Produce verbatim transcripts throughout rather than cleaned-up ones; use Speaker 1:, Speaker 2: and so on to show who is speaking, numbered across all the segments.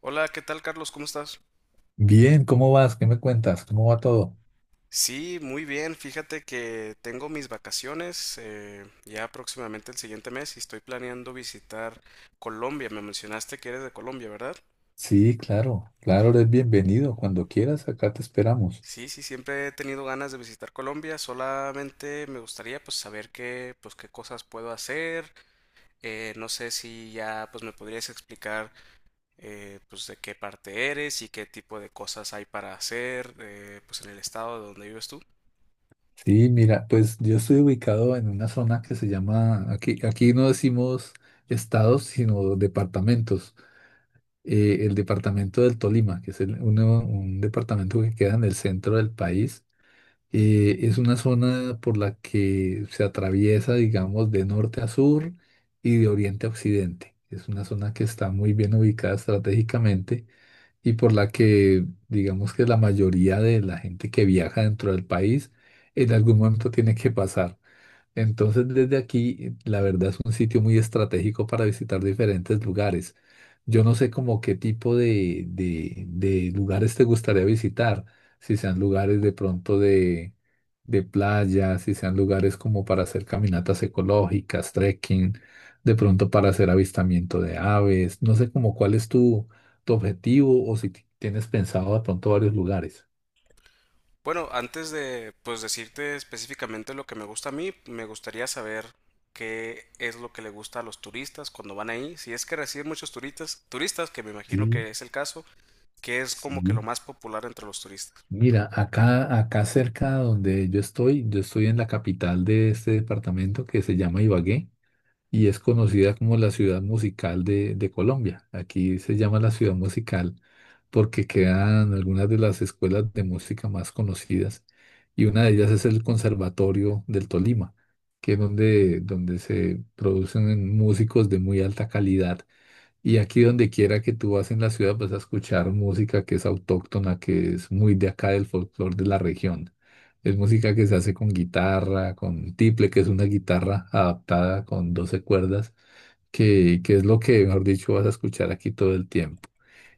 Speaker 1: Hola, ¿qué tal, Carlos? ¿Cómo estás?
Speaker 2: Bien, ¿cómo vas? ¿Qué me cuentas? ¿Cómo va todo?
Speaker 1: Sí, muy bien. Fíjate que tengo mis vacaciones eh, ya próximamente el siguiente mes y estoy planeando visitar Colombia. Me mencionaste que eres de Colombia, ¿verdad?
Speaker 2: Sí, claro, claro, eres bienvenido. Cuando quieras, acá te esperamos.
Speaker 1: Sí, sí, siempre he tenido ganas de visitar Colombia. Solamente me gustaría pues saber qué, pues qué cosas puedo hacer. Eh, no sé si ya pues me podrías explicar eh, pues de qué parte eres y qué tipo de cosas hay para hacer eh, pues en el estado de donde vives tú.
Speaker 2: Sí, mira, pues yo estoy ubicado en una zona que se llama, aquí, aquí no decimos estados, sino departamentos. Eh, el departamento del Tolima, que es el- uno- un departamento que queda en el centro del país, eh, es una zona por la que se atraviesa, digamos, de norte a sur y de oriente a occidente. Es una zona que está muy bien ubicada estratégicamente y por la que digamos que la mayoría de la gente que viaja dentro del país en algún momento tiene que pasar. Entonces, desde aquí, la verdad es un sitio muy estratégico para visitar diferentes lugares. Yo no sé como qué tipo de, de- de lugares te gustaría visitar, si sean lugares de pronto de, de playa, si sean lugares como para hacer caminatas ecológicas, trekking, de pronto para hacer avistamiento de aves. No sé como cuál es tu, tu objetivo o si ti- tienes pensado de pronto varios lugares.
Speaker 1: Bueno, antes de pues decirte específicamente lo que me gusta a mí, me gustaría saber qué es lo que le gusta a los turistas cuando van ahí. Si es que reciben muchos turistas, turistas, que me imagino
Speaker 2: Sí,
Speaker 1: que es el caso, que es como que
Speaker 2: sí.
Speaker 1: lo más popular entre los turistas.
Speaker 2: Mira, acá, acá cerca donde yo estoy, yo estoy en la capital de este departamento que se llama Ibagué y es conocida como la ciudad musical de, de Colombia. Aquí se llama la ciudad musical porque quedan algunas de las escuelas de música más conocidas y una de ellas es el Conservatorio del Tolima, que es donde, donde se producen músicos de muy alta calidad y aquí donde quiera que tú vas en la ciudad vas a escuchar música que es autóctona, que es muy de acá del folclore de la región. Es música que se hace con guitarra, con tiple, que es una guitarra adaptada con doce cuerdas, que, que es lo que, mejor dicho, vas a escuchar aquí todo el tiempo.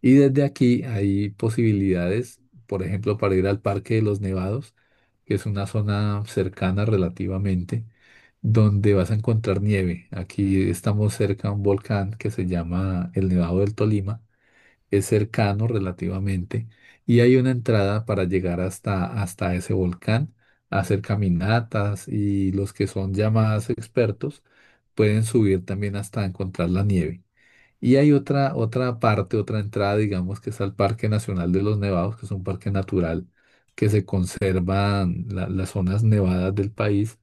Speaker 2: Y desde aquí hay posibilidades, por ejemplo, para ir al Parque de los Nevados, que es una zona cercana relativamente donde vas a encontrar nieve. Aquí estamos cerca a un volcán que se llama el Nevado del Tolima. Es cercano relativamente y hay una entrada para llegar hasta, hasta ese volcán, hacer caminatas y los que son ya más expertos pueden subir también hasta encontrar la nieve. Y hay otra, otra parte, otra entrada, digamos, que es al Parque Nacional de los Nevados, que es un parque natural que se conservan la- las zonas nevadas del país.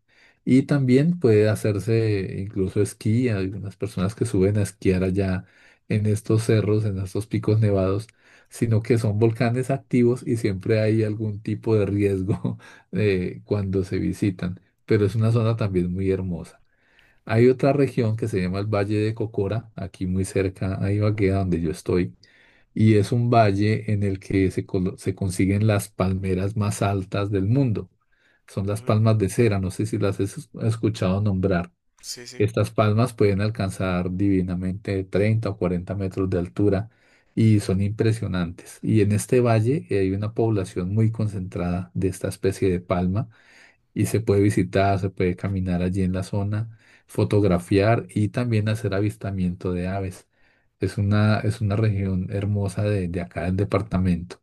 Speaker 2: Y también puede hacerse incluso esquí. Hay algunas personas que suben a esquiar allá en estos cerros, en estos picos nevados, sino que son volcanes activos y siempre hay algún tipo de riesgo eh, cuando se visitan. Pero es una zona también muy hermosa. Hay otra región que se llama el Valle de Cocora, aquí muy cerca a Ibagué, a donde yo estoy, y es un valle en el que se, colo- se consiguen las palmeras más altas del mundo. Son las
Speaker 1: Ujú.
Speaker 2: palmas de cera, no sé si las has es- escuchado nombrar.
Speaker 1: Sí, sí.
Speaker 2: Estas palmas pueden alcanzar divinamente treinta o cuarenta metros de altura y son impresionantes. Y en este valle eh, hay una población muy concentrada de esta especie de palma y se puede visitar, se puede caminar allí en la zona, fotografiar y también hacer avistamiento de aves. Es una, es una región hermosa de, de acá del departamento.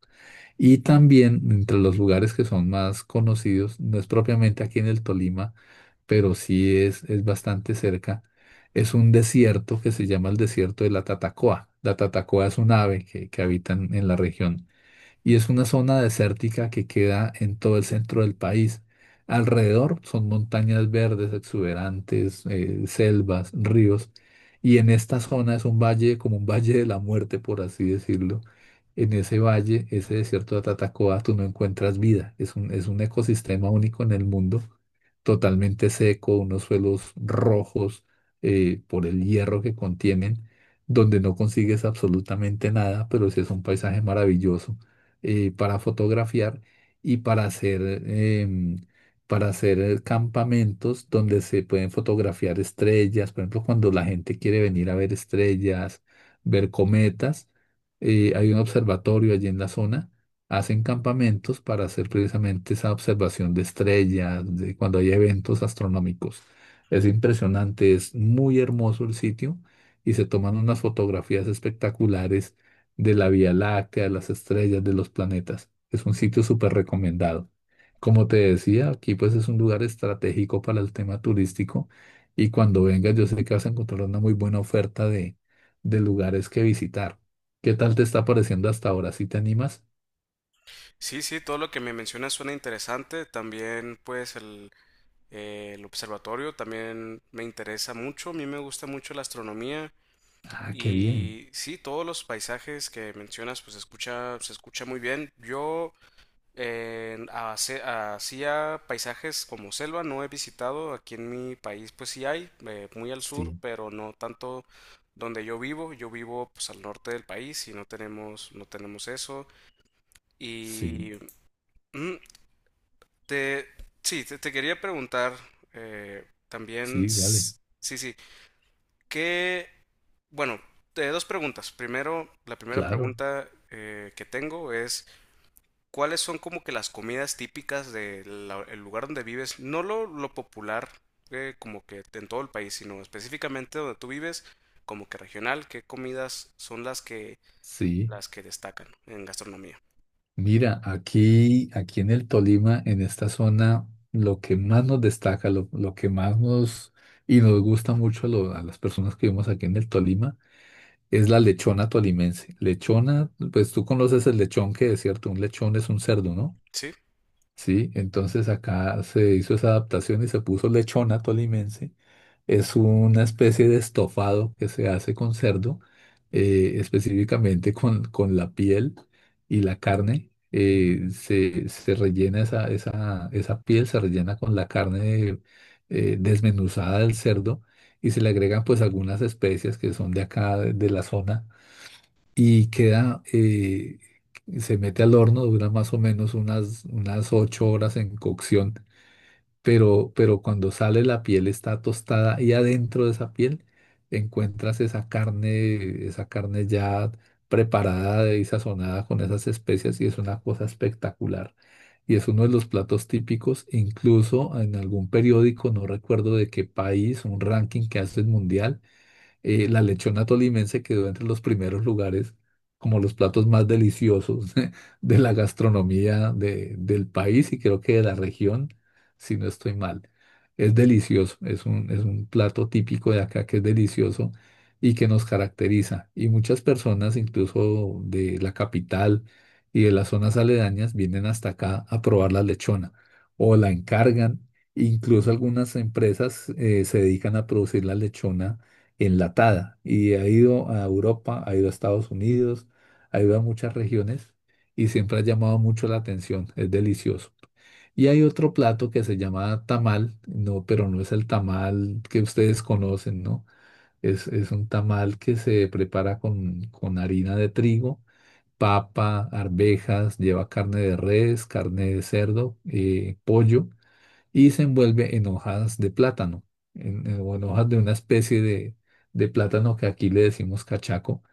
Speaker 2: Y también entre los lugares que son más conocidos, no es propiamente aquí en el Tolima, pero sí es, es bastante cerca, es un desierto que se llama el desierto de la Tatacoa. La Tatacoa es un ave que, que habita en en la región y es una zona desértica que queda en todo el centro del país. Alrededor son montañas verdes, exuberantes, eh, selvas, ríos, y en esta zona es un valle, como un valle de la muerte, por así decirlo. En ese valle, ese desierto de Tatacoa, tú no encuentras vida. Es un, es un ecosistema único en el mundo, totalmente seco, unos suelos rojos eh, por el hierro que contienen, donde no consigues absolutamente nada, pero sí es un paisaje maravilloso eh, para fotografiar y para hacer, em, para hacer campamentos donde se pueden fotografiar estrellas. Por ejemplo, cuando la gente quiere venir a ver estrellas, ver cometas, eh, hay un observatorio allí en la zona. Hacen campamentos para hacer precisamente esa observación de estrellas, de cuando hay eventos astronómicos. Es impresionante, es muy hermoso el sitio y se toman unas fotografías espectaculares de la Vía Láctea, de las estrellas, de los planetas. Es un sitio súper recomendado. Como te decía, aquí pues es un lugar estratégico para el tema turístico y cuando vengas yo sé que vas a encontrar una muy buena oferta de, de lugares que visitar. ¿Qué tal te está pareciendo hasta ahora? ¿Sí te animas?
Speaker 1: Sí, sí, todo lo que me mencionas suena interesante. También, pues, el, eh, el observatorio también me interesa mucho. A mí me gusta mucho la astronomía.
Speaker 2: Ah, qué bien.
Speaker 1: Y sí, todos los paisajes que mencionas, pues, escucha, se escucha muy bien. Yo Eh, hace- hacía paisajes como selva, no he visitado, aquí en mi país pues sí hay, eh, muy al sur,
Speaker 2: Sí,
Speaker 1: pero no tanto donde yo vivo, yo vivo pues al norte del país y no tenemos, no tenemos eso.
Speaker 2: sí,
Speaker 1: Y mm, te, sí, te, te quería preguntar eh, también,
Speaker 2: sí, dale.
Speaker 1: s- sí, sí, que, bueno, eh, dos preguntas. Primero, la primera
Speaker 2: Claro,
Speaker 1: pregunta eh, que tengo es... ¿Cuáles son como que las comidas típicas del lugar donde vives? No lo, Lo popular, eh, como que en todo el país, sino específicamente donde tú vives, como que regional, ¿qué comidas son las que,
Speaker 2: sí.
Speaker 1: las que destacan en gastronomía?
Speaker 2: Mira, aquí, aquí en el Tolima, en esta zona, lo que más nos destaca, lo, lo que más nos y nos gusta mucho a, lo- a las personas que vivimos aquí en el Tolima es la lechona tolimense. Lechona, pues tú conoces el lechón que es cierto, un lechón es un cerdo, ¿no?
Speaker 1: Sí,
Speaker 2: Sí, entonces acá se hizo esa adaptación y se puso lechona tolimense es una especie de estofado que se hace con cerdo, eh, específicamente con, con la piel y la carne, eh, se, se rellena esa, esa, esa piel, se rellena con la carne eh, desmenuzada del cerdo y se le agregan pues algunas especias que son de acá, de, de la zona, y queda, eh, se mete al horno, dura más o menos unas, unas ocho horas en cocción, pero, pero cuando sale la piel está tostada y adentro de esa piel encuentras esa carne, esa carne ya preparada y sazonada con esas especias y es una cosa espectacular. Y es uno de los platos típicos, incluso en algún periódico, no recuerdo de qué país, un ranking que hace el mundial, eh, la lechona tolimense quedó entre los primeros lugares como los platos más deliciosos de la gastronomía de- del país y creo que de la región, si no estoy mal. Es delicioso, es un, es un plato típico de acá que es delicioso y que nos caracteriza. Y muchas personas, incluso de la capital y de las zonas aledañas, vienen hasta acá a probar la lechona o la encargan. Incluso algunas empresas eh, se dedican a producir la lechona enlatada y ha ido a Europa, ha ido a Estados Unidos, ha ido a muchas regiones y siempre ha llamado mucho la atención, es delicioso. Y hay otro plato que se llama tamal, no, pero no es el tamal que ustedes conocen, ¿no? Es, es un tamal que se prepara con, con harina de trigo, papa, arvejas, lleva carne de res, carne de cerdo, eh, pollo y se envuelve en hojas de plátano, en, en- o en hojas de una especie de, de plátano que aquí le decimos cachaco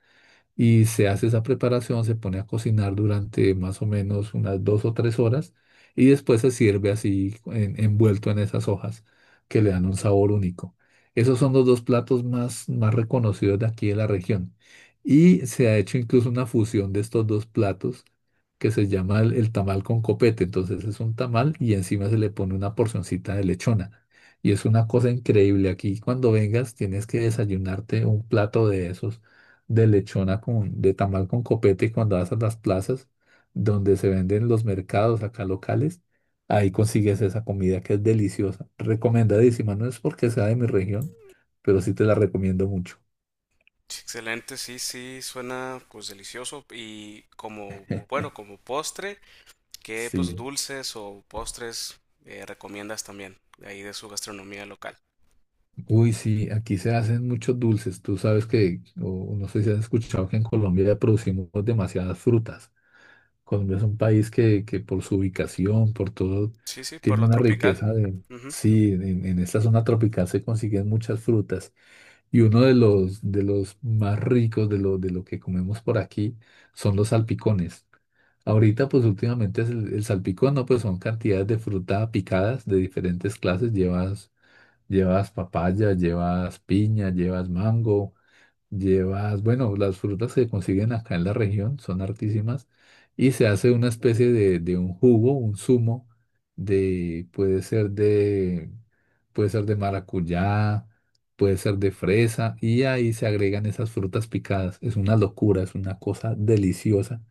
Speaker 2: y se hace esa preparación, se pone a cocinar durante más o menos unas dos o tres horas y después se sirve así en- envuelto en esas hojas que le dan un sabor único. Esos son los dos platos más, más reconocidos de aquí de la región. Y se ha hecho incluso una fusión de estos dos platos que se llama el, el tamal con copete. Entonces es un tamal y encima se le pone una porcioncita de lechona. Y es una cosa increíble. Aquí cuando vengas tienes que desayunarte un plato de esos de lechona con, de tamal con copete cuando vas a las plazas donde se venden los mercados acá locales, ahí consigues esa comida que es deliciosa, recomendadísima, no es porque sea de mi región, pero sí te la recomiendo mucho.
Speaker 1: sí, excelente, sí, sí, suena pues delicioso y como, bueno, como postre, ¿qué pues
Speaker 2: Sí.
Speaker 1: dulces o postres eh, recomiendas también de ahí de su gastronomía local?
Speaker 2: Uy, sí, aquí se hacen muchos dulces. Tú sabes que, o no sé si has escuchado que en Colombia ya producimos demasiadas frutas. Colombia es un país que, que por su ubicación, por todo,
Speaker 1: Sí, sí, por
Speaker 2: tiene
Speaker 1: lo
Speaker 2: una
Speaker 1: tropical.
Speaker 2: riqueza de... Sí, en, en esta zona tropical se consiguen muchas frutas. Y uno de los, de los más ricos de lo, de lo que comemos por aquí son los salpicones. Ahorita, pues últimamente es el, el salpicón, ¿no? Pues son cantidades de fruta picadas de diferentes clases. Llevas, llevas papaya, llevas piña, llevas mango, llevas, bueno, las frutas que consiguen acá en la región son hartísimas y se hace una especie de, de un jugo, un zumo de, puede ser de, puede ser de maracuyá, puede ser de fresa y ahí se agregan esas frutas picadas. Es una locura, es una cosa deliciosa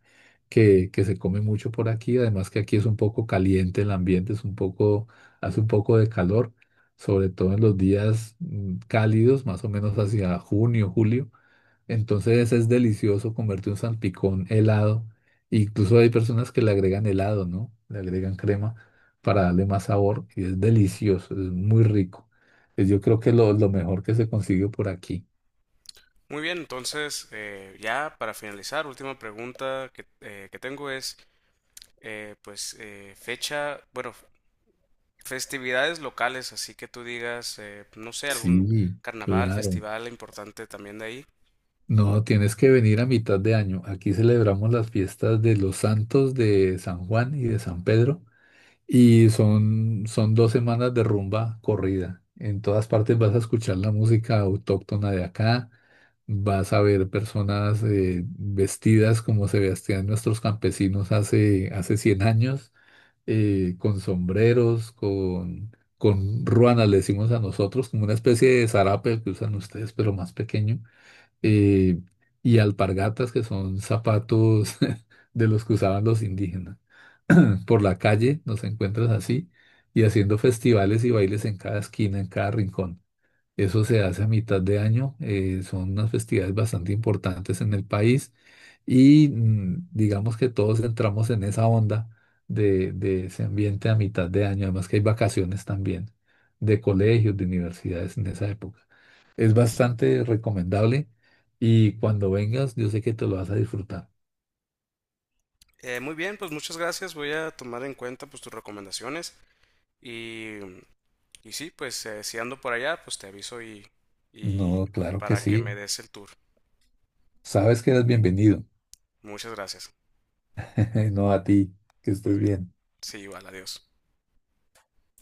Speaker 2: que, que se come mucho por aquí. Además que aquí es un poco caliente el ambiente, es un poco, hace un poco de calor, sobre todo en los días mm, cálidos, más o menos hacia junio, julio, entonces es delicioso comerte un salpicón helado. Incluso hay personas que le agregan helado, ¿no? Le agregan crema para darle más sabor y es delicioso, es muy rico. Es yo creo que lo, lo mejor que se consigue por aquí.
Speaker 1: Muy bien, entonces eh, ya para finalizar, última pregunta que, eh, que tengo es, eh, pues eh, fecha, bueno, festividades locales, así que tú digas, eh, no sé, algún
Speaker 2: Sí,
Speaker 1: carnaval,
Speaker 2: claro.
Speaker 1: festival importante también de ahí.
Speaker 2: No, tienes que venir a mitad de año. Aquí celebramos las fiestas de los santos de San Juan y de San Pedro. Y son, son dos semanas de rumba corrida. En todas partes vas a escuchar la música autóctona de acá, vas a ver personas eh, vestidas como se vestían nuestros campesinos hace, hace cien años, eh, con sombreros, con, con ruanas, le decimos a nosotros, como una especie de zarape que usan ustedes, pero más pequeño, eh, y alpargatas, que son zapatos de los que usaban los indígenas. Por la calle, nos encuentras así, y haciendo festivales y bailes en cada esquina, en cada rincón. Eso se hace a mitad de año, eh, son unas festividades bastante importantes en el país y, mm, digamos que todos entramos en esa onda de, de ese ambiente a mitad de año, además que hay vacaciones también de colegios, de universidades en esa época. Es bastante recomendable y cuando vengas yo sé que te lo vas a disfrutar.
Speaker 1: Eh, muy bien, pues muchas gracias, voy a tomar en cuenta pues tus recomendaciones y, y sí, pues eh, si ando por allá, pues te aviso y, y
Speaker 2: No, claro que
Speaker 1: para que
Speaker 2: sí.
Speaker 1: me des el tour.
Speaker 2: Sabes que eres bienvenido.
Speaker 1: Muchas gracias.
Speaker 2: No a ti, que
Speaker 1: Muy
Speaker 2: estés
Speaker 1: bien.
Speaker 2: bien.
Speaker 1: Sí, igual, adiós.